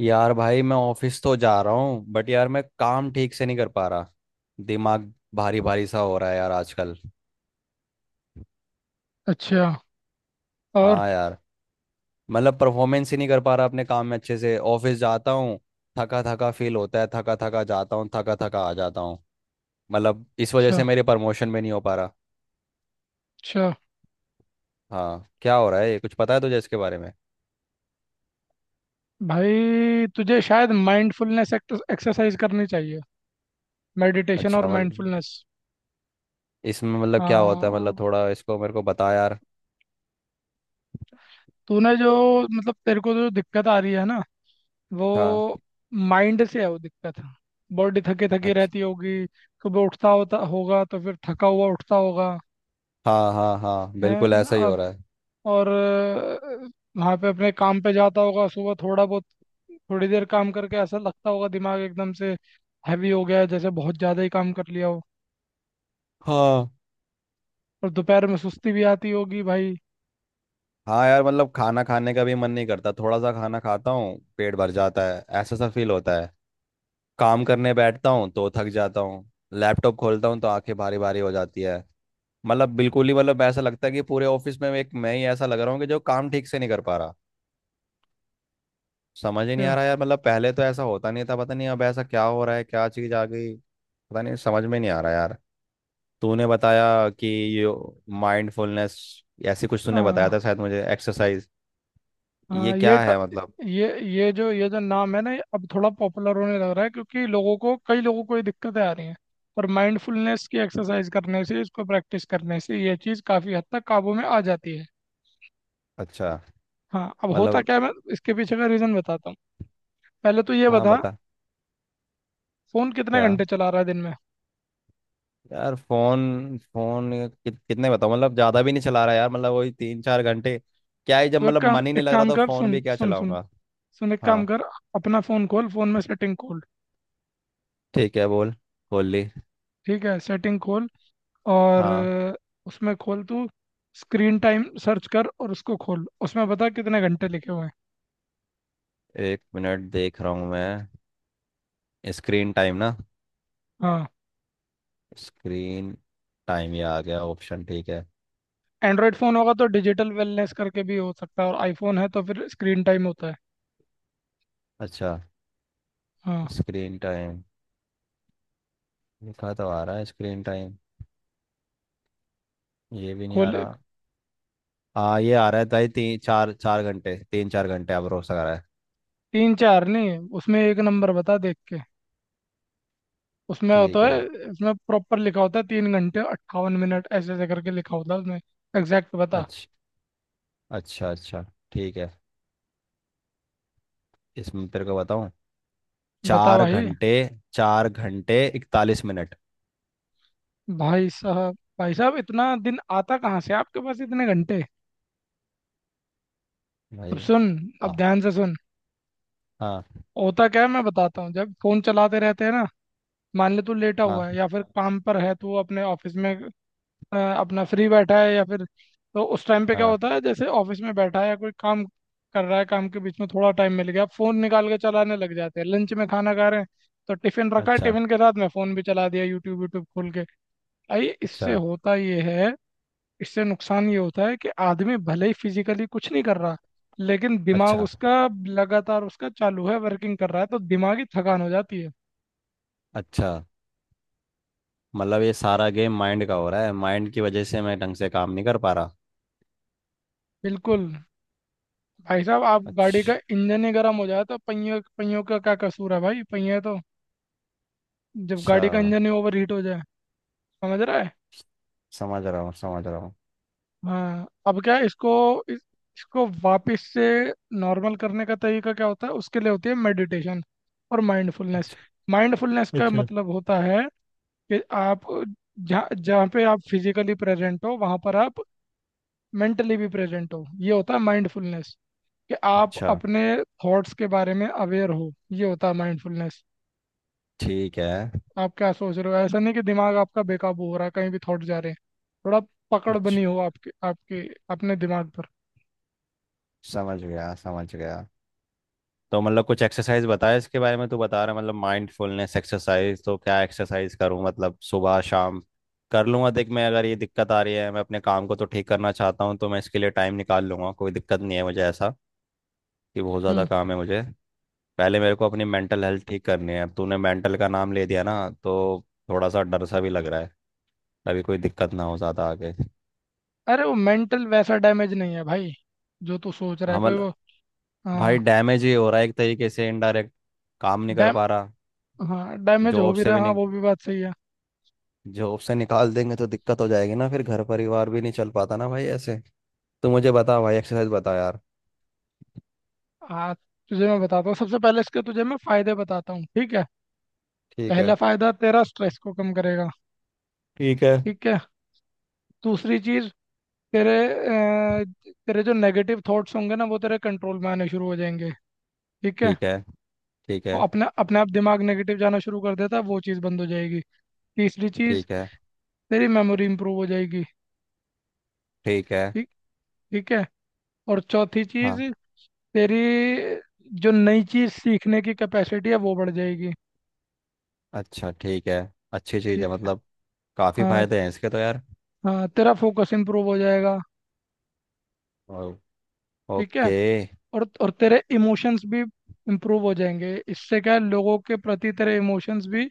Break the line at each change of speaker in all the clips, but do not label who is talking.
यार भाई, मैं ऑफिस तो जा रहा हूँ बट यार मैं काम ठीक से नहीं कर पा रहा। दिमाग भारी भारी सा हो रहा है यार, आजकल।
अच्छा। और।
हाँ यार, मतलब परफॉर्मेंस ही नहीं कर पा रहा अपने काम में अच्छे से। ऑफिस जाता हूँ, थका थका फील होता है, थका थका जाता हूँ, थका थका आ जाता हूँ। मतलब इस वजह
अच्छा।
से मेरे प्रमोशन में नहीं हो पा रहा।
अच्छा।
हाँ, क्या हो रहा है ये कुछ पता है तुझे इसके बारे में?
भाई तुझे शायद माइंडफुलनेस एक्सरसाइज करनी चाहिए। मेडिटेशन और
अच्छा, मतलब
माइंडफुलनेस।
इसमें मतलब क्या होता है? मतलब
हाँ।
थोड़ा इसको मेरे को बता यार।
तूने जो मतलब तेरे को जो दिक्कत आ रही है ना वो
हाँ।
माइंड से है वो दिक्कत। बॉडी थकी थकी
अच्छा।
रहती होगी। कभी उठता होता होगा तो फिर थका हुआ उठता होगा।
हाँ, हाँ, हाँ,
है।
बिल्कुल ऐसा ही हो रहा है।
और वहाँ पे अपने काम पे जाता होगा सुबह थोड़ा बहुत। थोड़ी देर काम करके ऐसा लगता होगा दिमाग एकदम से हैवी हो गया है जैसे बहुत ज़्यादा ही काम कर लिया हो।
हाँ।
और दोपहर में सुस्ती भी आती होगी भाई।
हाँ यार, मतलब खाना खाने का भी मन नहीं करता, थोड़ा सा खाना खाता हूँ। पेट भर जाता है, ऐसा सा फील होता है। काम करने बैठता हूँ तो थक जाता हूँ। लैपटॉप खोलता हूँ तो आंखें भारी भारी हो जाती है। मतलब बिल्कुल ही, मतलब ऐसा लगता है कि पूरे ऑफिस में एक मैं ही ऐसा लग रहा हूँ कि जो काम ठीक से नहीं कर पा रहा। समझ ही नहीं
तो,
आ रहा यार, मतलब पहले तो ऐसा होता नहीं था। पता नहीं अब ऐसा क्या हो रहा है, क्या चीज़ आ गई। पता नहीं, समझ में नहीं आ रहा यार। तूने बताया कि ये माइंडफुलनेस, ऐसी कुछ तूने बताया
हाँ।
था शायद मुझे एक्सरसाइज। ये
हाँ
क्या है मतलब?
ये जो नाम है ना ये अब थोड़ा पॉपुलर होने लग रहा है क्योंकि लोगों को कई लोगों को ये दिक्कतें आ रही हैं। पर माइंडफुलनेस की एक्सरसाइज करने से इसको प्रैक्टिस करने से ये चीज़ काफ़ी हद तक काबू में आ जाती है।
अच्छा,
हाँ। अब होता
मतलब।
क्या है मैं इसके पीछे का रीज़न बताता हूँ। पहले तो ये
हाँ,
बता
बता।
फोन कितने
क्या?
घंटे चला रहा है दिन में।
यार, फोन फोन कि, कितने बताओ, मतलब ज्यादा भी नहीं चला रहा यार, मतलब वही 3 4 घंटे। क्या ही, जब
तो
मतलब मन ही
एक
नहीं लग रहा
काम
तो
कर।
फोन
सुन
भी क्या
सुन सुन।
चलाऊंगा।
सुन एक काम
हाँ।
कर। अपना फोन खोल फोन में सेटिंग खोल।
ठीक है, बोल। खोल ली।
ठीक है। सेटिंग खोल। और
हाँ।
उसमें खोल तू स्क्रीन टाइम सर्च कर और उसको खोल उसमें बता कितने घंटे लिखे हुए हैं।
एक मिनट, देख रहा हूँ मैं। स्क्रीन टाइम ना।
हाँ।
स्क्रीन टाइम, ये आ गया ऑप्शन। ठीक है।
एंड्रॉयड फोन होगा तो डिजिटल वेलनेस करके भी हो सकता है और आईफोन है तो फिर स्क्रीन टाइम होता है।
अच्छा।
हाँ।
स्क्रीन टाइम लिखा तो आ रहा है, स्क्रीन टाइम, ये भी नहीं आ
खोल।
रहा। हाँ, ये आ रहा है भाई, तीन चार चार घंटे, 3 4 घंटे अब रोज आ रहा है।
तीन चार नहीं उसमें एक नंबर बता देख के। उसमें होता
ठीक है।
है। उसमें प्रॉपर लिखा होता है 3 घंटे 58 मिनट ऐसे ऐसे करके लिखा होता है उसमें। एग्जैक्ट बता।
अच्छा, अच्छा। अच्छा। ठीक है। इसमें तेरे को बताऊं।
बता
चार
भाई।
घंटे 4 घंटे 41 मिनट।
भाई साहब इतना दिन आता कहाँ से आपके पास इतने घंटे। अब
भाई।
सुन।
हाँ,
अब ध्यान से सुन।
हाँ,
होता क्या है मैं बताता हूँ जब फोन चलाते रहते हैं ना। मान ले तू लेटा हुआ
हाँ,
है या फिर काम पर है तू अपने ऑफिस में। अपना फ्री बैठा है या फिर। तो उस टाइम पे क्या
हाँ।
होता है जैसे ऑफिस में बैठा है या कोई काम कर रहा है काम के बीच में थोड़ा टाइम मिल गया फोन निकाल के चलाने लग जाते हैं। लंच में खाना खा रहे हैं तो टिफिन रखा है
अच्छा,
टिफिन के साथ में फोन भी चला दिया यूट्यूब यूट्यूब खोल के। भाई इससे
अच्छा,
होता ये है। इससे नुकसान ये होता है कि आदमी भले ही फिजिकली कुछ नहीं कर रहा लेकिन दिमाग
अच्छा,
उसका लगातार उसका चालू है वर्किंग कर रहा है तो दिमागी थकान हो जाती है।
अच्छा। मतलब ये सारा गेम माइंड का हो रहा है, माइंड की वजह से मैं ढंग से काम नहीं कर पा रहा।
बिल्कुल। भाई साहब आप गाड़ी का
अच्छा।
इंजन ही गर्म हो जाए तो पहियों पहियों का क्या कसूर है भाई पहिए तो। जब गाड़ी का इंजन ही ओवर हीट हो जाए। समझ रहा है।
समझ रहा हूँ, समझ रहा हूँ।
हाँ। अब क्या है इसको इस, इसको वापस से नॉर्मल करने का तरीका क्या होता है उसके लिए होती है मेडिटेशन और माइंडफुलनेस।
अच्छा,
माइंडफुलनेस का
अच्छा,
मतलब होता है कि आप जहाँ जहाँ पे आप फिजिकली प्रेजेंट हो वहाँ पर आप मेंटली भी प्रेजेंट हो। ये होता है माइंडफुलनेस। कि आप
अच्छा।
अपने थॉट्स के बारे में अवेयर हो। ये होता है माइंडफुलनेस।
ठीक है।
आप क्या सोच रहे हो ऐसा नहीं कि दिमाग आपका बेकाबू हो रहा है कहीं भी थॉट जा रहे हैं। थोड़ा पकड़
अच्छा,
बनी हो आपके आपके अपने दिमाग पर।
समझ गया, समझ गया। तो मतलब कुछ एक्सरसाइज बताया इसके बारे में, तो बता रहा है मतलब माइंडफुलनेस एक्सरसाइज, तो क्या एक्सरसाइज करूं, मतलब सुबह शाम कर लूंगा। देख मैं, अगर ये दिक्कत आ रही है, मैं अपने काम को तो ठीक करना चाहता हूँ, तो मैं इसके लिए टाइम निकाल लूंगा। कोई दिक्कत नहीं है मुझे ऐसा कि बहुत ज़्यादा
हम्म।
काम है मुझे। पहले मेरे को अपनी मेंटल हेल्थ ठीक करनी है। अब तूने मेंटल का नाम ले दिया ना, तो थोड़ा सा डर सा भी लग रहा है, अभी कोई दिक्कत ना हो ज़्यादा आगे।
अरे वो मेंटल वैसा डैमेज नहीं है भाई जो तू सोच रहा है कोई
हमल।
वो।
भाई
हाँ
डैमेज ही हो रहा है एक तरीके से इनडायरेक्ट, काम नहीं कर
डैम
पा रहा।
हाँ डैमेज हो
जॉब
भी
से
रहा
भी
है। हाँ
नहीं।
वो भी बात सही है।
जॉब से निकाल देंगे तो दिक्कत हो जाएगी ना, फिर घर परिवार भी नहीं चल पाता ना भाई ऐसे। तो मुझे बता भाई, एक्सरसाइज बता यार।
हाँ तुझे मैं बताता हूँ सबसे पहले इसके तुझे मैं फायदे बताता हूँ। ठीक है।
ठीक
पहला
है।
फायदा तेरा स्ट्रेस को कम करेगा।
ठीक है।
ठीक है। दूसरी चीज। तेरे अ, तेरे जो नेगेटिव थॉट्स होंगे ना वो तेरे कंट्रोल में आने शुरू हो जाएंगे। ठीक है।
ठीक है। ठीक है।
वो अपना अपने आप दिमाग नेगेटिव जाना शुरू कर देता है वो चीज़ बंद हो जाएगी। तीसरी चीज़।
ठीक है।
तेरी मेमोरी इंप्रूव हो जाएगी।
ठीक है।
ठीक। ठीक है। और चौथी चीज़।
हाँ।
तेरी जो नई चीज़ सीखने की कैपेसिटी है वो बढ़ जाएगी।
अच्छा, ठीक है। अच्छी चीज़ है
ठीक है।
मतलब। काफ़ी
हाँ।
फायदे हैं इसके तो यार।
हाँ तेरा फोकस इंप्रूव हो जाएगा।
ओ-
ठीक है।
ओके।
और तेरे इमोशंस भी इंप्रूव हो जाएंगे। इससे क्या है लोगों के प्रति तेरे इमोशंस भी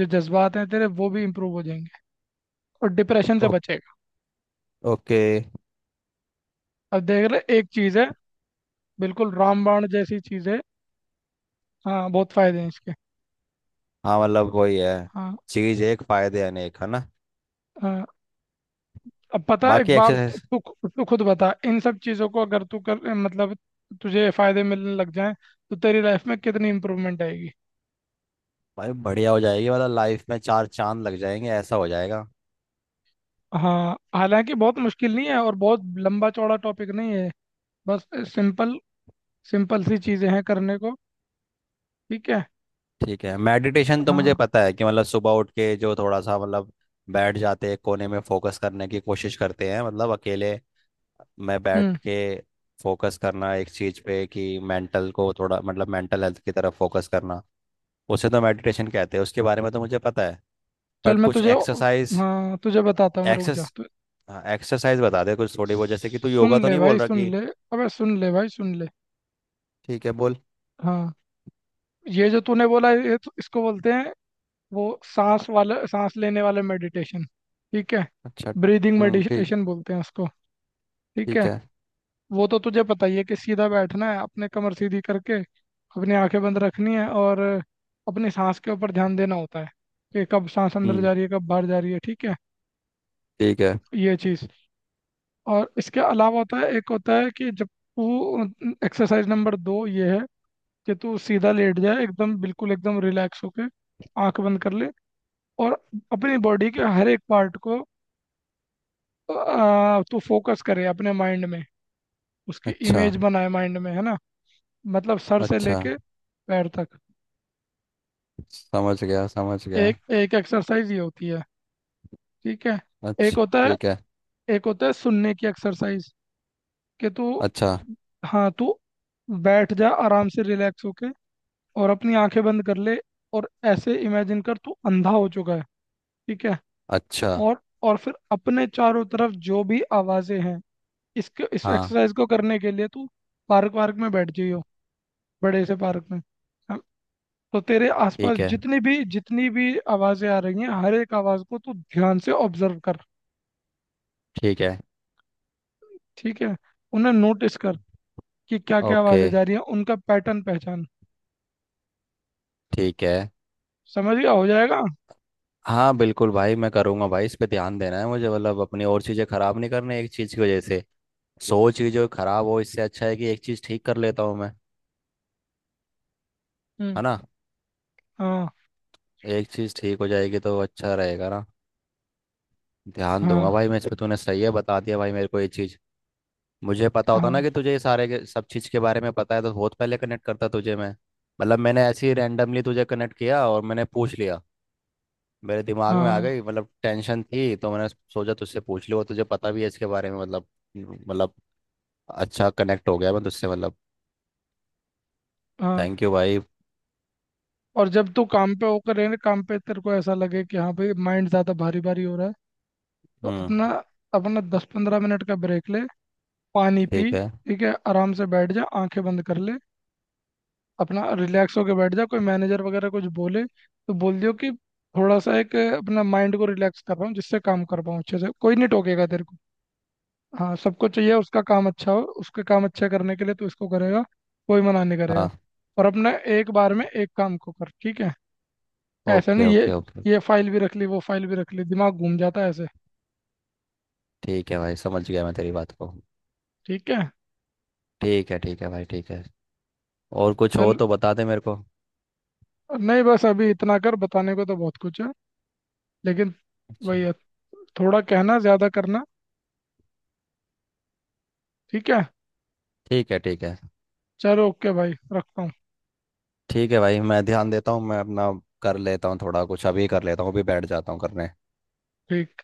जो जज्बात हैं तेरे वो भी इंप्रूव हो जाएंगे। और डिप्रेशन से
ओ,
बचेगा।
ओके।
अब देख रहे एक चीज़ है। बिल्कुल रामबाण जैसी चीज़ है। हाँ बहुत फायदे हैं इसके।
हाँ, मतलब वही है।
हाँ।
चीज़ एक फायदे अनेक है ना।
हाँ, अब पता है,
बाकी
एक बात।
एक्सरसाइज।
तू तू खुद बता इन सब चीज़ों को अगर तू कर मतलब तुझे फायदे मिलने लग जाएं तो तेरी लाइफ में कितनी इम्प्रूवमेंट आएगी।
भाई बढ़िया हो जाएगी, मतलब लाइफ में चार चांद लग जाएंगे, ऐसा हो जाएगा।
हाँ हालांकि बहुत मुश्किल नहीं है और बहुत लंबा चौड़ा टॉपिक नहीं है। बस सिंपल सिंपल सी चीज़ें हैं करने को। ठीक है।
ठीक है, मेडिटेशन तो मुझे
हाँ।
पता है कि मतलब सुबह उठ के जो थोड़ा सा, मतलब बैठ जाते हैं कोने में, फोकस करने की कोशिश करते हैं, मतलब अकेले मैं
हम्म।
बैठ के फोकस करना एक चीज पे कि मेंटल को थोड़ा, मतलब मेंटल हेल्थ की तरफ फोकस करना, उसे तो मेडिटेशन कहते हैं, उसके बारे में तो मुझे पता है।
चल
बट
मैं
कुछ
तुझे
एक्सरसाइज।
हाँ तुझे बताता हूँ मैं रुक
एक्सेस
जा तू।
एक्सरसाइज बता दे कुछ थोड़ी बहुत, जैसे कि तू
सुन
योगा तो
ले
नहीं बोल
भाई
रहा
सुन
कि।
ले। अबे सुन ले भाई सुन ले।
ठीक है, बोल।
हाँ। ये जो तूने बोला ये तो इसको बोलते हैं वो सांस लेने वाला मेडिटेशन। ठीक है।
अच्छा।
ब्रीदिंग
हम्म। ठीक।
मेडिटेशन बोलते हैं उसको। ठीक
ठीक
है।
है।
वो तो तुझे पता ही है कि सीधा बैठना है अपने कमर सीधी करके अपनी आंखें बंद रखनी है और अपनी सांस के ऊपर ध्यान देना होता है कि कब सांस अंदर
हम्म।
जा रही है कब बाहर जा रही है। ठीक है।
ठीक है।
ये चीज़। और इसके अलावा होता है एक होता है कि जब तू एक्सरसाइज नंबर दो ये है कि तू सीधा लेट जाए एकदम बिल्कुल एकदम रिलैक्स होके। आंख बंद कर ले और अपनी बॉडी के हर एक पार्ट को तू फोकस करे अपने माइंड में। उसकी
अच्छा।
इमेज बनाए माइंड में है ना। मतलब सर से
अच्छा,
लेके पैर तक।
समझ गया, समझ गया।
एक एक एक्सरसाइज ये होती है। ठीक है। एक
अच्छा,
होता है
ठीक है।
एक होता है सुनने की एक्सरसाइज। कि तू
अच्छा।
हाँ तू बैठ जा आराम से रिलैक्स होके और अपनी आंखें बंद कर ले और ऐसे इमेजिन कर तू अंधा हो चुका है। ठीक है।
अच्छा।
और और फिर अपने चारों तरफ जो भी आवाजें हैं इसके इस
हाँ।
एक्सरसाइज को करने के लिए तू पार्क वार्क में बैठ जाइयो। बड़े से पार्क में। हाँ। तो तेरे आसपास
ठीक है।
जितनी भी आवाजें आ रही हैं हर एक आवाज को तू ध्यान से ऑब्जर्व कर।
ठीक है।
ठीक है। उन्हें नोटिस कर कि क्या क्या
ओके।
आवाजें जा रही हैं उनका पैटर्न पहचान।
ठीक है।
समझ गया हो जाएगा।
हाँ बिल्कुल भाई, मैं करूँगा भाई, इस पे ध्यान देना है मुझे, मतलब अपनी और चीज़ें ख़राब नहीं करनी एक चीज़ की वजह से। सौ चीज़ें ख़राब हो, इससे अच्छा है कि एक चीज़ ठीक कर लेता हूँ मैं।
हम्म।
है ना।
हाँ
एक चीज़ ठीक हो जाएगी तो अच्छा रहेगा ना। ध्यान
हाँ
दूंगा भाई मैं इस पे, तूने सही है बता दिया भाई मेरे को ये चीज़। मुझे पता होता
हाँ
ना कि तुझे ये सारे सब चीज़ के बारे में पता है, तो बहुत पहले कनेक्ट करता तुझे मैं। मतलब मैंने ऐसे ही रैंडमली तुझे कनेक्ट किया और मैंने पूछ लिया। मेरे दिमाग में आ
हाँ
गई मतलब टेंशन थी, तो मैंने सोचा तुझसे पूछ लूँ, और तुझे पता भी है इसके बारे में मतलब। मतलब। अच्छा, कनेक्ट हो गया मैं तुझसे मतलब।
हाँ।
थैंक यू भाई।
और जब तू काम पे तेरे को ऐसा लगे कि हाँ भाई माइंड ज्यादा भारी भारी हो रहा है। तो
हम्म।
अपना अपना 10-15 मिनट का ब्रेक ले। पानी पी
ठीक है।
ठीक है आराम से बैठ जा आंखें बंद कर ले। अपना रिलैक्स होके बैठ जा कोई मैनेजर वगैरह कुछ बोले तो बोल दियो कि थोड़ा सा अपना माइंड को रिलैक्स कर रहा हूँ जिससे काम कर पाऊँ अच्छे से कोई नहीं टोकेगा तेरे को। हाँ सबको चाहिए उसका काम अच्छा हो उसके काम अच्छा करने के लिए तो इसको करेगा कोई मना नहीं करेगा।
हाँ।
और अपना एक बार में एक काम को कर। ठीक है। ऐसा
ओके,
नहीं ये
ओके, ओके।
ये फाइल भी रख ली वो फाइल भी रख ली दिमाग घूम जाता है ऐसे।
ठीक है भाई, समझ गया मैं तेरी बात को।
ठीक है।
ठीक है, ठीक है भाई, ठीक है। और कुछ हो
चल
तो बता दे मेरे को।
नहीं बस अभी इतना कर बताने को तो बहुत कुछ है लेकिन
अच्छा।
वही है थोड़ा कहना ज्यादा करना। ठीक है।
ठीक है, ठीक है।
चलो ओके भाई रखता हूँ।
ठीक है भाई, मैं ध्यान देता हूँ मैं अपना। कर लेता हूँ थोड़ा कुछ अभी, कर लेता हूँ, अभी बैठ जाता हूँ करने।
ठीक।